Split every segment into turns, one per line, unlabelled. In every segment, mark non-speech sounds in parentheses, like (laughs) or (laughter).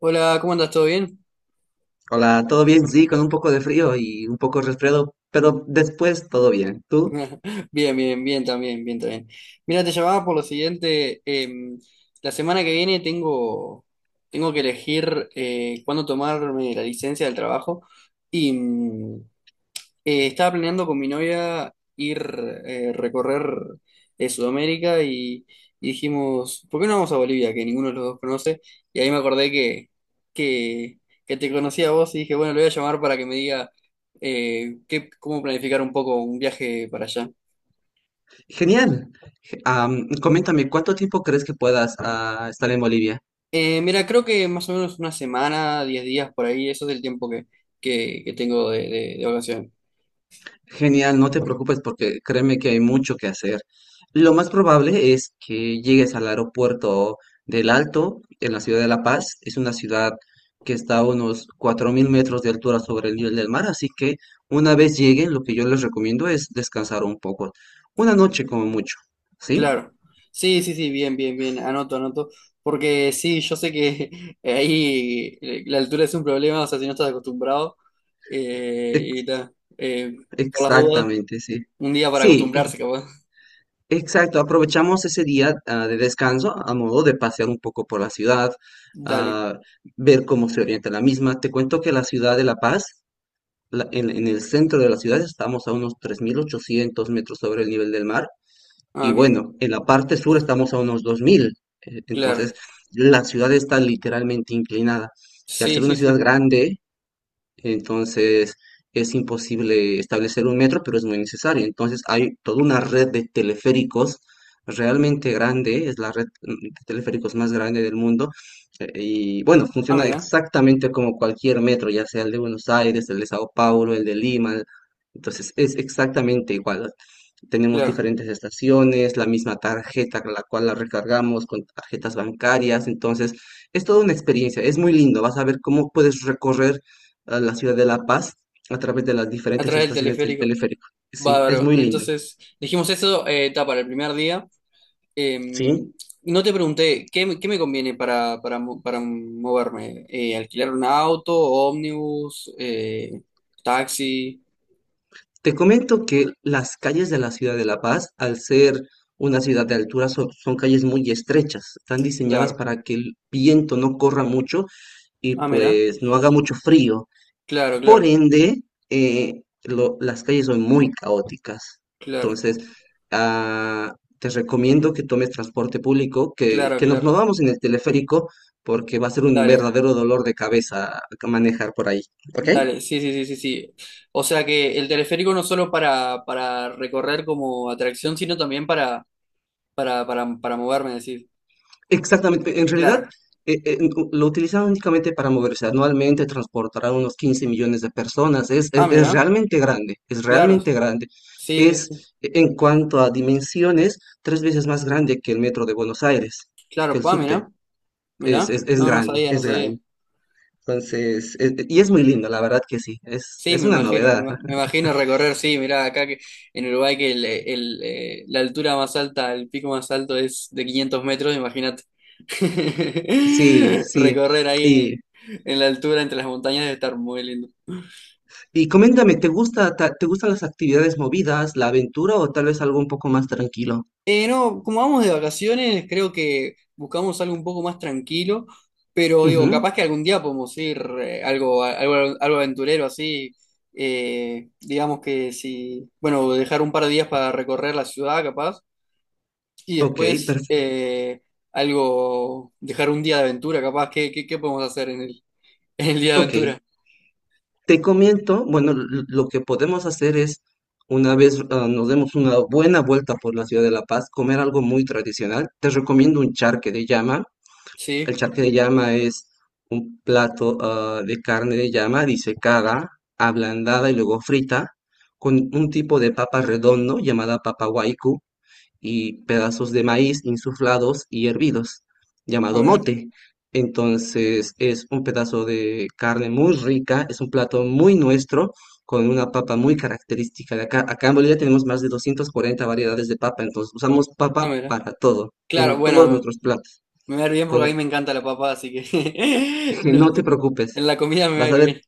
Hola, ¿cómo andas? ¿Todo bien?
Hola, ¿todo bien? Sí, con un poco de frío y un poco resfriado, pero después todo bien. ¿Tú?
Bien, bien, bien también, bien también. Mira, te llamaba por lo siguiente. La semana que viene tengo que elegir cuándo tomarme la licencia del trabajo y estaba planeando con mi novia ir recorrer Sudamérica y dijimos, ¿por qué no vamos a Bolivia? Que ninguno de los dos conoce. Y ahí me acordé que, que te conocía a vos y dije, bueno, le voy a llamar para que me diga cómo planificar un poco un viaje para allá.
Genial. Coméntame, ¿cuánto tiempo crees que puedas estar en Bolivia?
Mira, creo que más o menos una semana, 10 días por ahí, eso es el tiempo que tengo de vacaciones.
Genial, no te preocupes porque créeme que hay mucho que hacer. Lo más probable es que llegues al aeropuerto del Alto, en la ciudad de La Paz. Es una ciudad que está a unos 4.000 metros de altura sobre el nivel del mar, así que una vez lleguen, lo que yo les recomiendo es descansar un poco. Una noche como mucho, ¿sí?
Claro. Sí, sí, sí, bien, bien, bien. Anoto, anoto. Porque sí, yo sé que (laughs) ahí la altura es un problema, o sea, si no estás acostumbrado. Y ta, por las dudas,
Exactamente, sí.
un día para
Sí,
acostumbrarse, capaz.
exacto. Aprovechamos ese día de descanso a modo de pasear un poco por la ciudad,
Dale.
ah, ver cómo se orienta la misma. Te cuento que la ciudad de La Paz, en el centro de la ciudad, estamos a unos 3.800 metros sobre el nivel del mar. Y
Ah, bien.
bueno, en la parte sur
Sí,
estamos a unos 2.000.
claro.
Entonces, la ciudad está literalmente inclinada. Y al
Sí,
ser una
sí, sí,
ciudad
sí.
grande, entonces es imposible establecer un metro, pero es muy necesario. Entonces hay toda una red de teleféricos realmente grande, es la red de teleféricos más grande del mundo. Y bueno,
Ah,
funciona
mira,
exactamente como cualquier metro, ya sea el de Buenos Aires, el de Sao Paulo, el de Lima. Entonces es exactamente igual. Tenemos
claro.
diferentes estaciones, la misma tarjeta con la cual la recargamos con tarjetas bancarias. Entonces, es toda una experiencia, es muy lindo. Vas a ver cómo puedes recorrer la ciudad de La Paz a través de las diferentes
Atrás del
estaciones del
teleférico.
teleférico. Sí, es
Bárbaro.
muy lindo.
Entonces, dijimos eso, ta, para el primer día. Eh,
Sí.
no te pregunté, ¿ qué me conviene para moverme? ¿Alquilar un auto, ómnibus, taxi?
Te comento que las calles de la ciudad de La Paz, al ser una ciudad de altura, son calles muy estrechas. Están diseñadas
Claro.
para que el viento no corra mucho y
Ah, mira.
pues no haga mucho frío.
Claro,
Por
claro,
ende, las calles son muy caóticas.
claro,
Entonces, te recomiendo que tomes transporte público, que,
claro,
que nos
claro.
movamos en el teleférico, porque va a ser un
Dale,
verdadero dolor de cabeza manejar por ahí. ¿Ok?
dale. Sí, sí, sí, sí, sí. O sea que el teleférico no solo para recorrer como atracción, sino también para moverme, decir.
Exactamente, en realidad
Claro.
lo utilizaban únicamente para moverse. Anualmente transportarán unos 15 millones de personas. Es,
Ah,
es, es
mira.
realmente grande, es
Claro.
realmente grande.
Sí, sí, sí.
Es, en cuanto a dimensiones, tres veces más grande que el metro de Buenos Aires, que
Claro.
el
Ah,
subte.
mira.
Es,
Mira.
es, es
No, no
grande,
sabía, no
es
sabía.
grande. Entonces, y es muy lindo, la verdad que sí.
Sí,
Es
me
una
imagino,
novedad.
me
(laughs)
imagino recorrer, sí, mirá, acá que, en Uruguay que la altura más alta, el pico más alto es de 500 metros, imagínate.
Sí,
(laughs)
sí.
Recorrer
Y,
ahí en la altura entre las montañas debe estar muy lindo.
y coméntame, te gustan las actividades movidas, la aventura o tal vez algo un poco más tranquilo?
No, como vamos de vacaciones, creo que buscamos algo un poco más tranquilo, pero digo,
Ujú.
capaz que algún día podemos ir algo aventurero así, digamos que si, bueno, dejar un par de días para recorrer la ciudad, capaz. Y
Ok,
después
perfecto.
dejar un día de aventura, capaz. ¿Qué podemos hacer en el, (laughs) en el día de
Ok,
aventura?
te comento, bueno, lo que podemos hacer es, una vez nos demos una buena vuelta por la ciudad de La Paz, comer algo muy tradicional. Te recomiendo un charque de llama. El
Sí,
charque de llama es un plato de carne de llama disecada, ablandada y luego frita, con un tipo de papa redondo llamada papa huaycu, y pedazos de maíz insuflados y hervidos,
ah,
llamado
mira,
mote. Entonces es un pedazo de carne muy rica, es un plato muy nuestro, con una papa muy característica de acá. Acá en Bolivia tenemos más de 240 variedades de papa, entonces usamos papa
ah, mira.
para todo,
Claro,
en todos
bueno,
nuestros platos.
me va a ir bien porque a mí
Con
me encanta la papa, así que (laughs)
(laughs) que
no,
no te preocupes,
en la comida me va a
vas a ver,
ir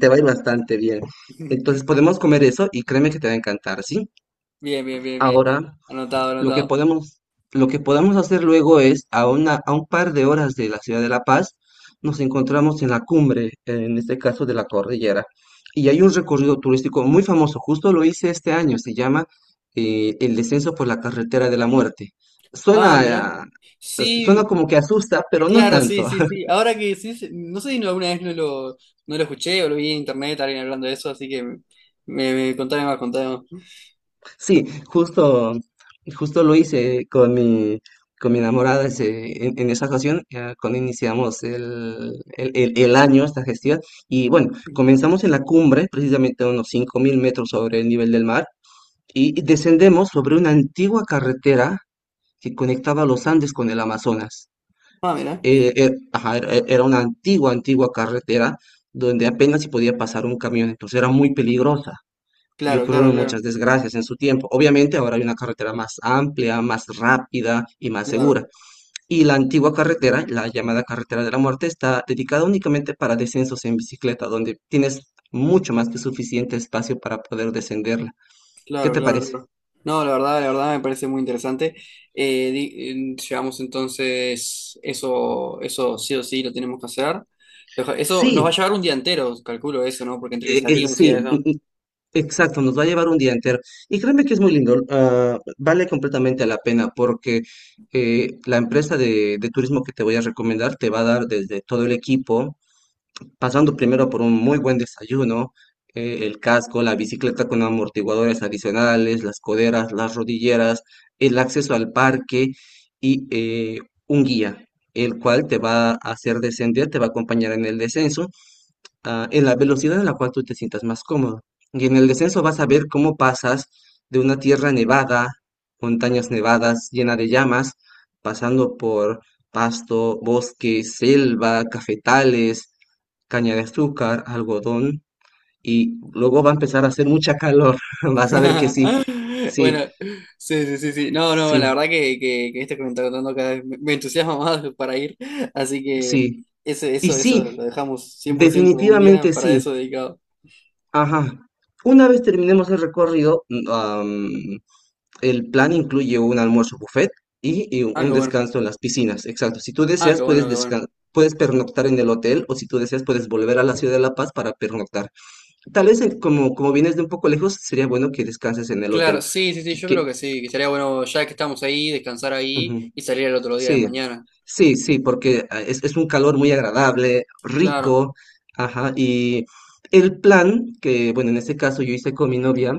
te va a ir bastante bien. Entonces
bien.
podemos comer eso y créeme que te va a encantar, ¿sí?
(laughs) Bien, bien, bien, bien.
Ahora
Anotado,
lo que
anotado.
podemos, lo que podamos hacer luego es, a una, a un par de horas de la ciudad de La Paz, nos encontramos en la cumbre, en este caso de la cordillera. Y hay un recorrido turístico muy famoso, justo lo hice este año, se llama El descenso por la carretera de la muerte.
Ah, mira.
Suena, suena
Sí,
como que asusta, pero no
claro, sí,
tanto.
sí, sí. Ahora que sí, sí, no sé si alguna vez no lo escuché o lo vi en internet, alguien hablando de eso, así que contame más, contame más.
Sí, justo lo hice con mi enamorada en esa ocasión, cuando iniciamos el año, esta gestión. Y bueno, comenzamos en la cumbre, precisamente a unos 5.000 metros sobre el nivel del mar, y descendemos sobre una antigua carretera que conectaba los Andes con el Amazonas.
Ah, mira.
Ajá, era una antigua carretera donde apenas se podía pasar un camión, entonces era muy peligrosa y
Claro, claro,
ocurrieron
claro.
muchas desgracias en su tiempo. Obviamente ahora hay una carretera más amplia, más rápida y más
Claro,
segura. Y la antigua carretera, la llamada carretera de la muerte, está dedicada únicamente para descensos en bicicleta, donde tienes mucho más que suficiente espacio para poder descenderla. ¿Qué
claro,
te
claro,
parece?
claro. No, la verdad me parece muy interesante. Llevamos entonces eso sí o sí lo tenemos que hacer. Eso nos va a
Sí,
llevar un día entero, calculo eso, ¿no? Porque entre que salimos y
Sí,
eso.
exacto, nos va a llevar un día entero. Y créeme que es muy lindo, vale completamente la pena porque la empresa de turismo que te voy a recomendar te va a dar desde todo el equipo, pasando primero por un muy buen desayuno, el casco, la bicicleta con amortiguadores adicionales, las coderas, las rodilleras, el acceso al parque y un guía, el cual te va a hacer descender, te va a acompañar en el descenso en la velocidad a la cual tú te sientas más cómodo. Y en el descenso vas a ver cómo pasas de una tierra nevada, montañas nevadas llena de llamas, pasando por pasto, bosque, selva, cafetales, caña de azúcar, algodón, y luego va a empezar a hacer mucha calor. (laughs) Vas a ver que
(laughs)
sí, sí,
Bueno, sí, sí, sí, sí. No, no, la
sí,
verdad que esto que me está contando cada vez me entusiasma (laughs) más para ir. Así que
sí. Y sí,
eso lo dejamos cien por ciento un día
definitivamente
para
sí.
eso dedicado.
Ajá. Una vez terminemos el recorrido, el plan incluye un almuerzo buffet y
Ah, qué
un
bueno.
descanso en las piscinas. Exacto. Si tú
Ah, qué
deseas,
bueno,
puedes
qué bueno.
puedes pernoctar en el hotel o si tú deseas, puedes volver a la ciudad de La Paz para pernoctar. Tal vez, como vienes de un poco lejos, sería bueno que descanses en el hotel.
Claro, sí, sí, sí,
Que,
yo creo
que-
que sí, que sería bueno ya que estamos ahí, descansar ahí
Ujú,
y salir el otro día de
sí,
mañana.
sí, sí, porque es un calor muy agradable,
Claro.
rico. Ajá. Y el plan que, bueno, en este caso yo hice con mi novia,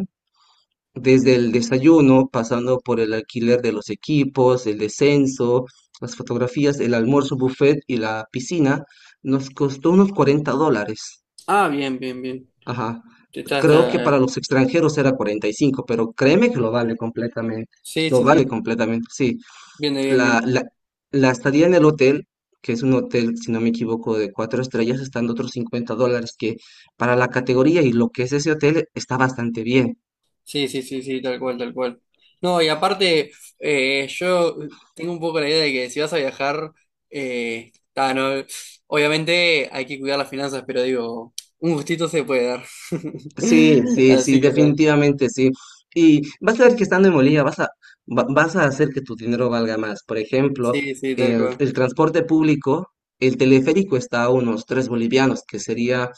desde el desayuno, pasando por el alquiler de los equipos, el descenso, las fotografías, el almuerzo buffet y la piscina, nos costó unos $40.
Ah, bien, bien, bien.
Ajá.
Está,
Creo que
está.
para los extranjeros era 45, pero créeme que lo vale completamente.
Sí,
Lo
sí,
vale
sí.
completamente, sí.
Bien, bien, bien.
La, la, la estadía en el hotel, que es un hotel, si no me equivoco, de cuatro estrellas, están otros $50, que para la categoría y lo que es ese hotel está bastante bien.
Sí, sí, sí, sí, tal cual, tal cual. No, y aparte, yo tengo un poco la idea de que si vas a viajar, está, no, obviamente hay que cuidar las finanzas, pero digo, un gustito se puede dar.
Sí,
(laughs)
sí, sí,
Así que tal.
definitivamente sí. Y vas a ver que estando en Bolivia vas a hacer que tu dinero valga más. Por ejemplo,
Sí, sí, tal
el,
cual.
el transporte público, el teleférico está a unos 3 bolivianos, que sería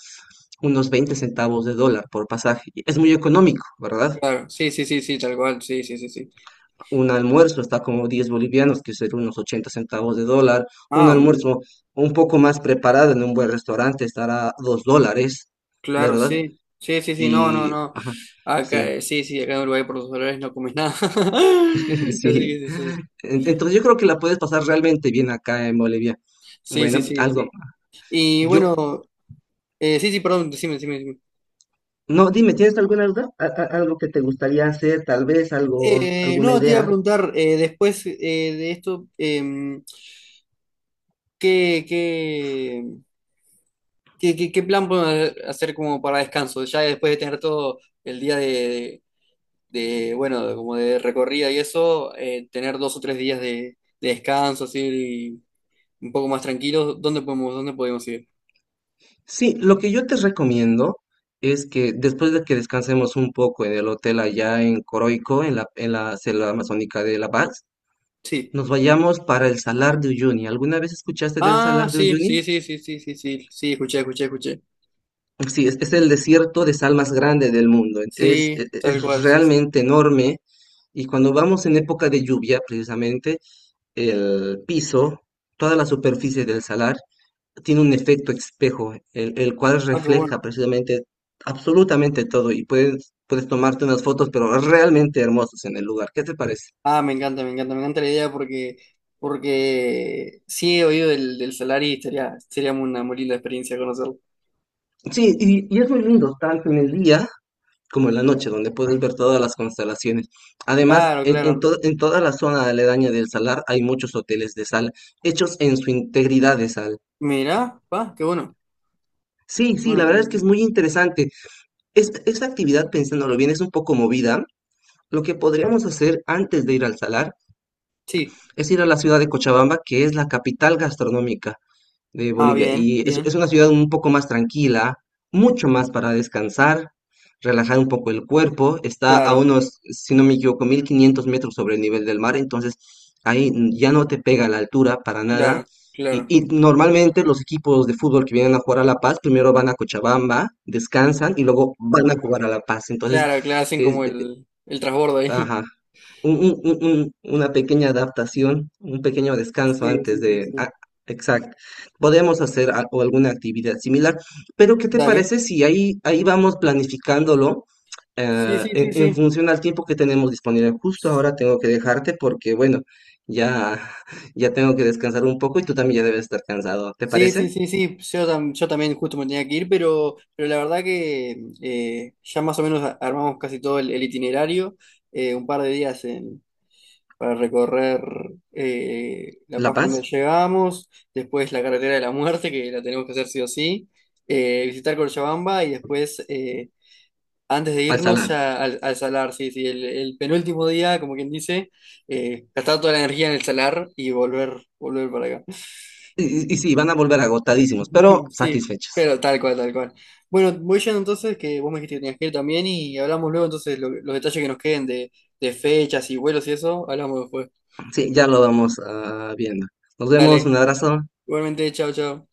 unos 20 centavos de dólar por pasaje. Y es muy económico, ¿verdad?
Claro, sí, sí, sí, sí, tal cual, sí, sí, sí, sí.
Un almuerzo está como 10 bolivianos, que sería unos 80 centavos de dólar. Un
Ah,
almuerzo un poco más preparado en un buen restaurante estará a $2,
claro,
¿verdad?
sí. Sí, sí, sí, no, no,
Y,
no.
ajá,
Acá,
sí.
sí, sí, acá en Uruguay por los dólares no comes nada.
(laughs)
(laughs) Así
Sí.
que sí, sí.
Entonces yo creo que la puedes pasar realmente bien acá en Bolivia.
Sí, sí,
Bueno,
sí,
algo.
sí. Y
Yo,
bueno, sí, sí, perdón, decime, decime, decime.
no, dime, ¿tienes alguna duda? Algo que te gustaría hacer, tal vez, algo, alguna
No, te iba a
idea.
preguntar, después de esto, ¿qué, qué, qué plan podemos hacer como para descanso? Ya después de tener todo el día bueno, como de recorrida y eso, tener dos o tres días de descanso, así, un poco más tranquilos, ¿ dónde podemos ir?
Sí, lo que yo te recomiendo es que después de que descansemos un poco en el hotel allá en Coroico, en la selva amazónica de La Paz,
Sí.
nos vayamos para el Salar de Uyuni. ¿Alguna vez escuchaste del
Ah,
Salar de
sí, sí,
Uyuni?
sí, sí, sí, sí, sí, sí, escuché, escuché, escuché.
Sí, es el desierto de sal más grande del mundo. Es,
Sí,
es-
tal
es
cual, sí, sí.
realmente enorme y cuando vamos en época de lluvia, precisamente, el piso, toda la superficie del salar, tiene un efecto espejo, el cual
Ah, qué bueno.
refleja precisamente absolutamente todo y puedes tomarte unas fotos, pero realmente hermosas en el lugar. ¿Qué te parece?
Ah, me encanta, me encanta, me encanta la idea porque sí he oído del Solari y sería, sería una muy linda experiencia conocerlo.
Sí, y es muy lindo, tanto en el día como en la noche, donde puedes ver todas las constelaciones. Además,
Claro,
en, en
claro.
to- en toda la zona aledaña del salar hay muchos hoteles de sal, hechos en su integridad de sal.
Mirá, va, qué bueno.
Sí,
Qué
sí,
bueno.
la
Qué
verdad es que es
bueno.
muy interesante. Esta actividad, pensándolo bien, es un poco movida. Lo que podríamos hacer antes de ir al salar
Sí.
es ir a la ciudad de Cochabamba, que es la capital gastronómica de
Ah,
Bolivia.
bien,
Y es,
bien.
es una ciudad un poco más tranquila, mucho más para descansar, relajar un poco el cuerpo. Está a
Claro,
unos, si no me equivoco, 1.500 metros sobre el nivel del mar, entonces ahí ya no te pega la altura para nada.
claro,
Y,
claro.
y normalmente los equipos de fútbol que vienen a jugar a La Paz, primero van a Cochabamba, descansan y luego van a jugar a La Paz. Entonces,
Claro, claro, hacen como el transbordo ahí.
ajá.
(laughs)
Una pequeña adaptación, un pequeño descanso
Sí,
antes
sí, sí,
de
sí.
exacto. Podemos hacer o alguna actividad similar, pero ¿qué te
Dale.
parece si ahí vamos planificándolo
Sí, sí, sí,
en,
sí.
función al tiempo que tenemos disponible? Justo ahora tengo que dejarte porque, bueno, ya, ya tengo que descansar un poco y tú también ya debes estar cansado. ¿Te
Sí,
parece?
sí, sí, sí, yo también justo me tenía que ir, pero la verdad que ya más o menos armamos casi todo el itinerario, un par de días para recorrer La
La
Paz cuando
Paz,
llegamos, después la carretera de la muerte, que la tenemos que hacer sí o sí, visitar Cochabamba y después, antes de
al
irnos
salar.
ya al Salar, sí, sí, el penúltimo día, como quien dice, gastar toda la energía en el Salar y volver para acá.
Y, y sí, van a volver agotadísimos, pero
(laughs) Sí,
satisfechos.
pero tal cual, tal cual. Bueno, voy yendo entonces, que vos me dijiste que tenías que ir también y hablamos luego entonces los detalles que nos queden de fechas y vuelos y eso, hablamos después.
Sí, ya lo vamos viendo. Nos vemos,
Dale,
un abrazo.
igualmente, chao, chao.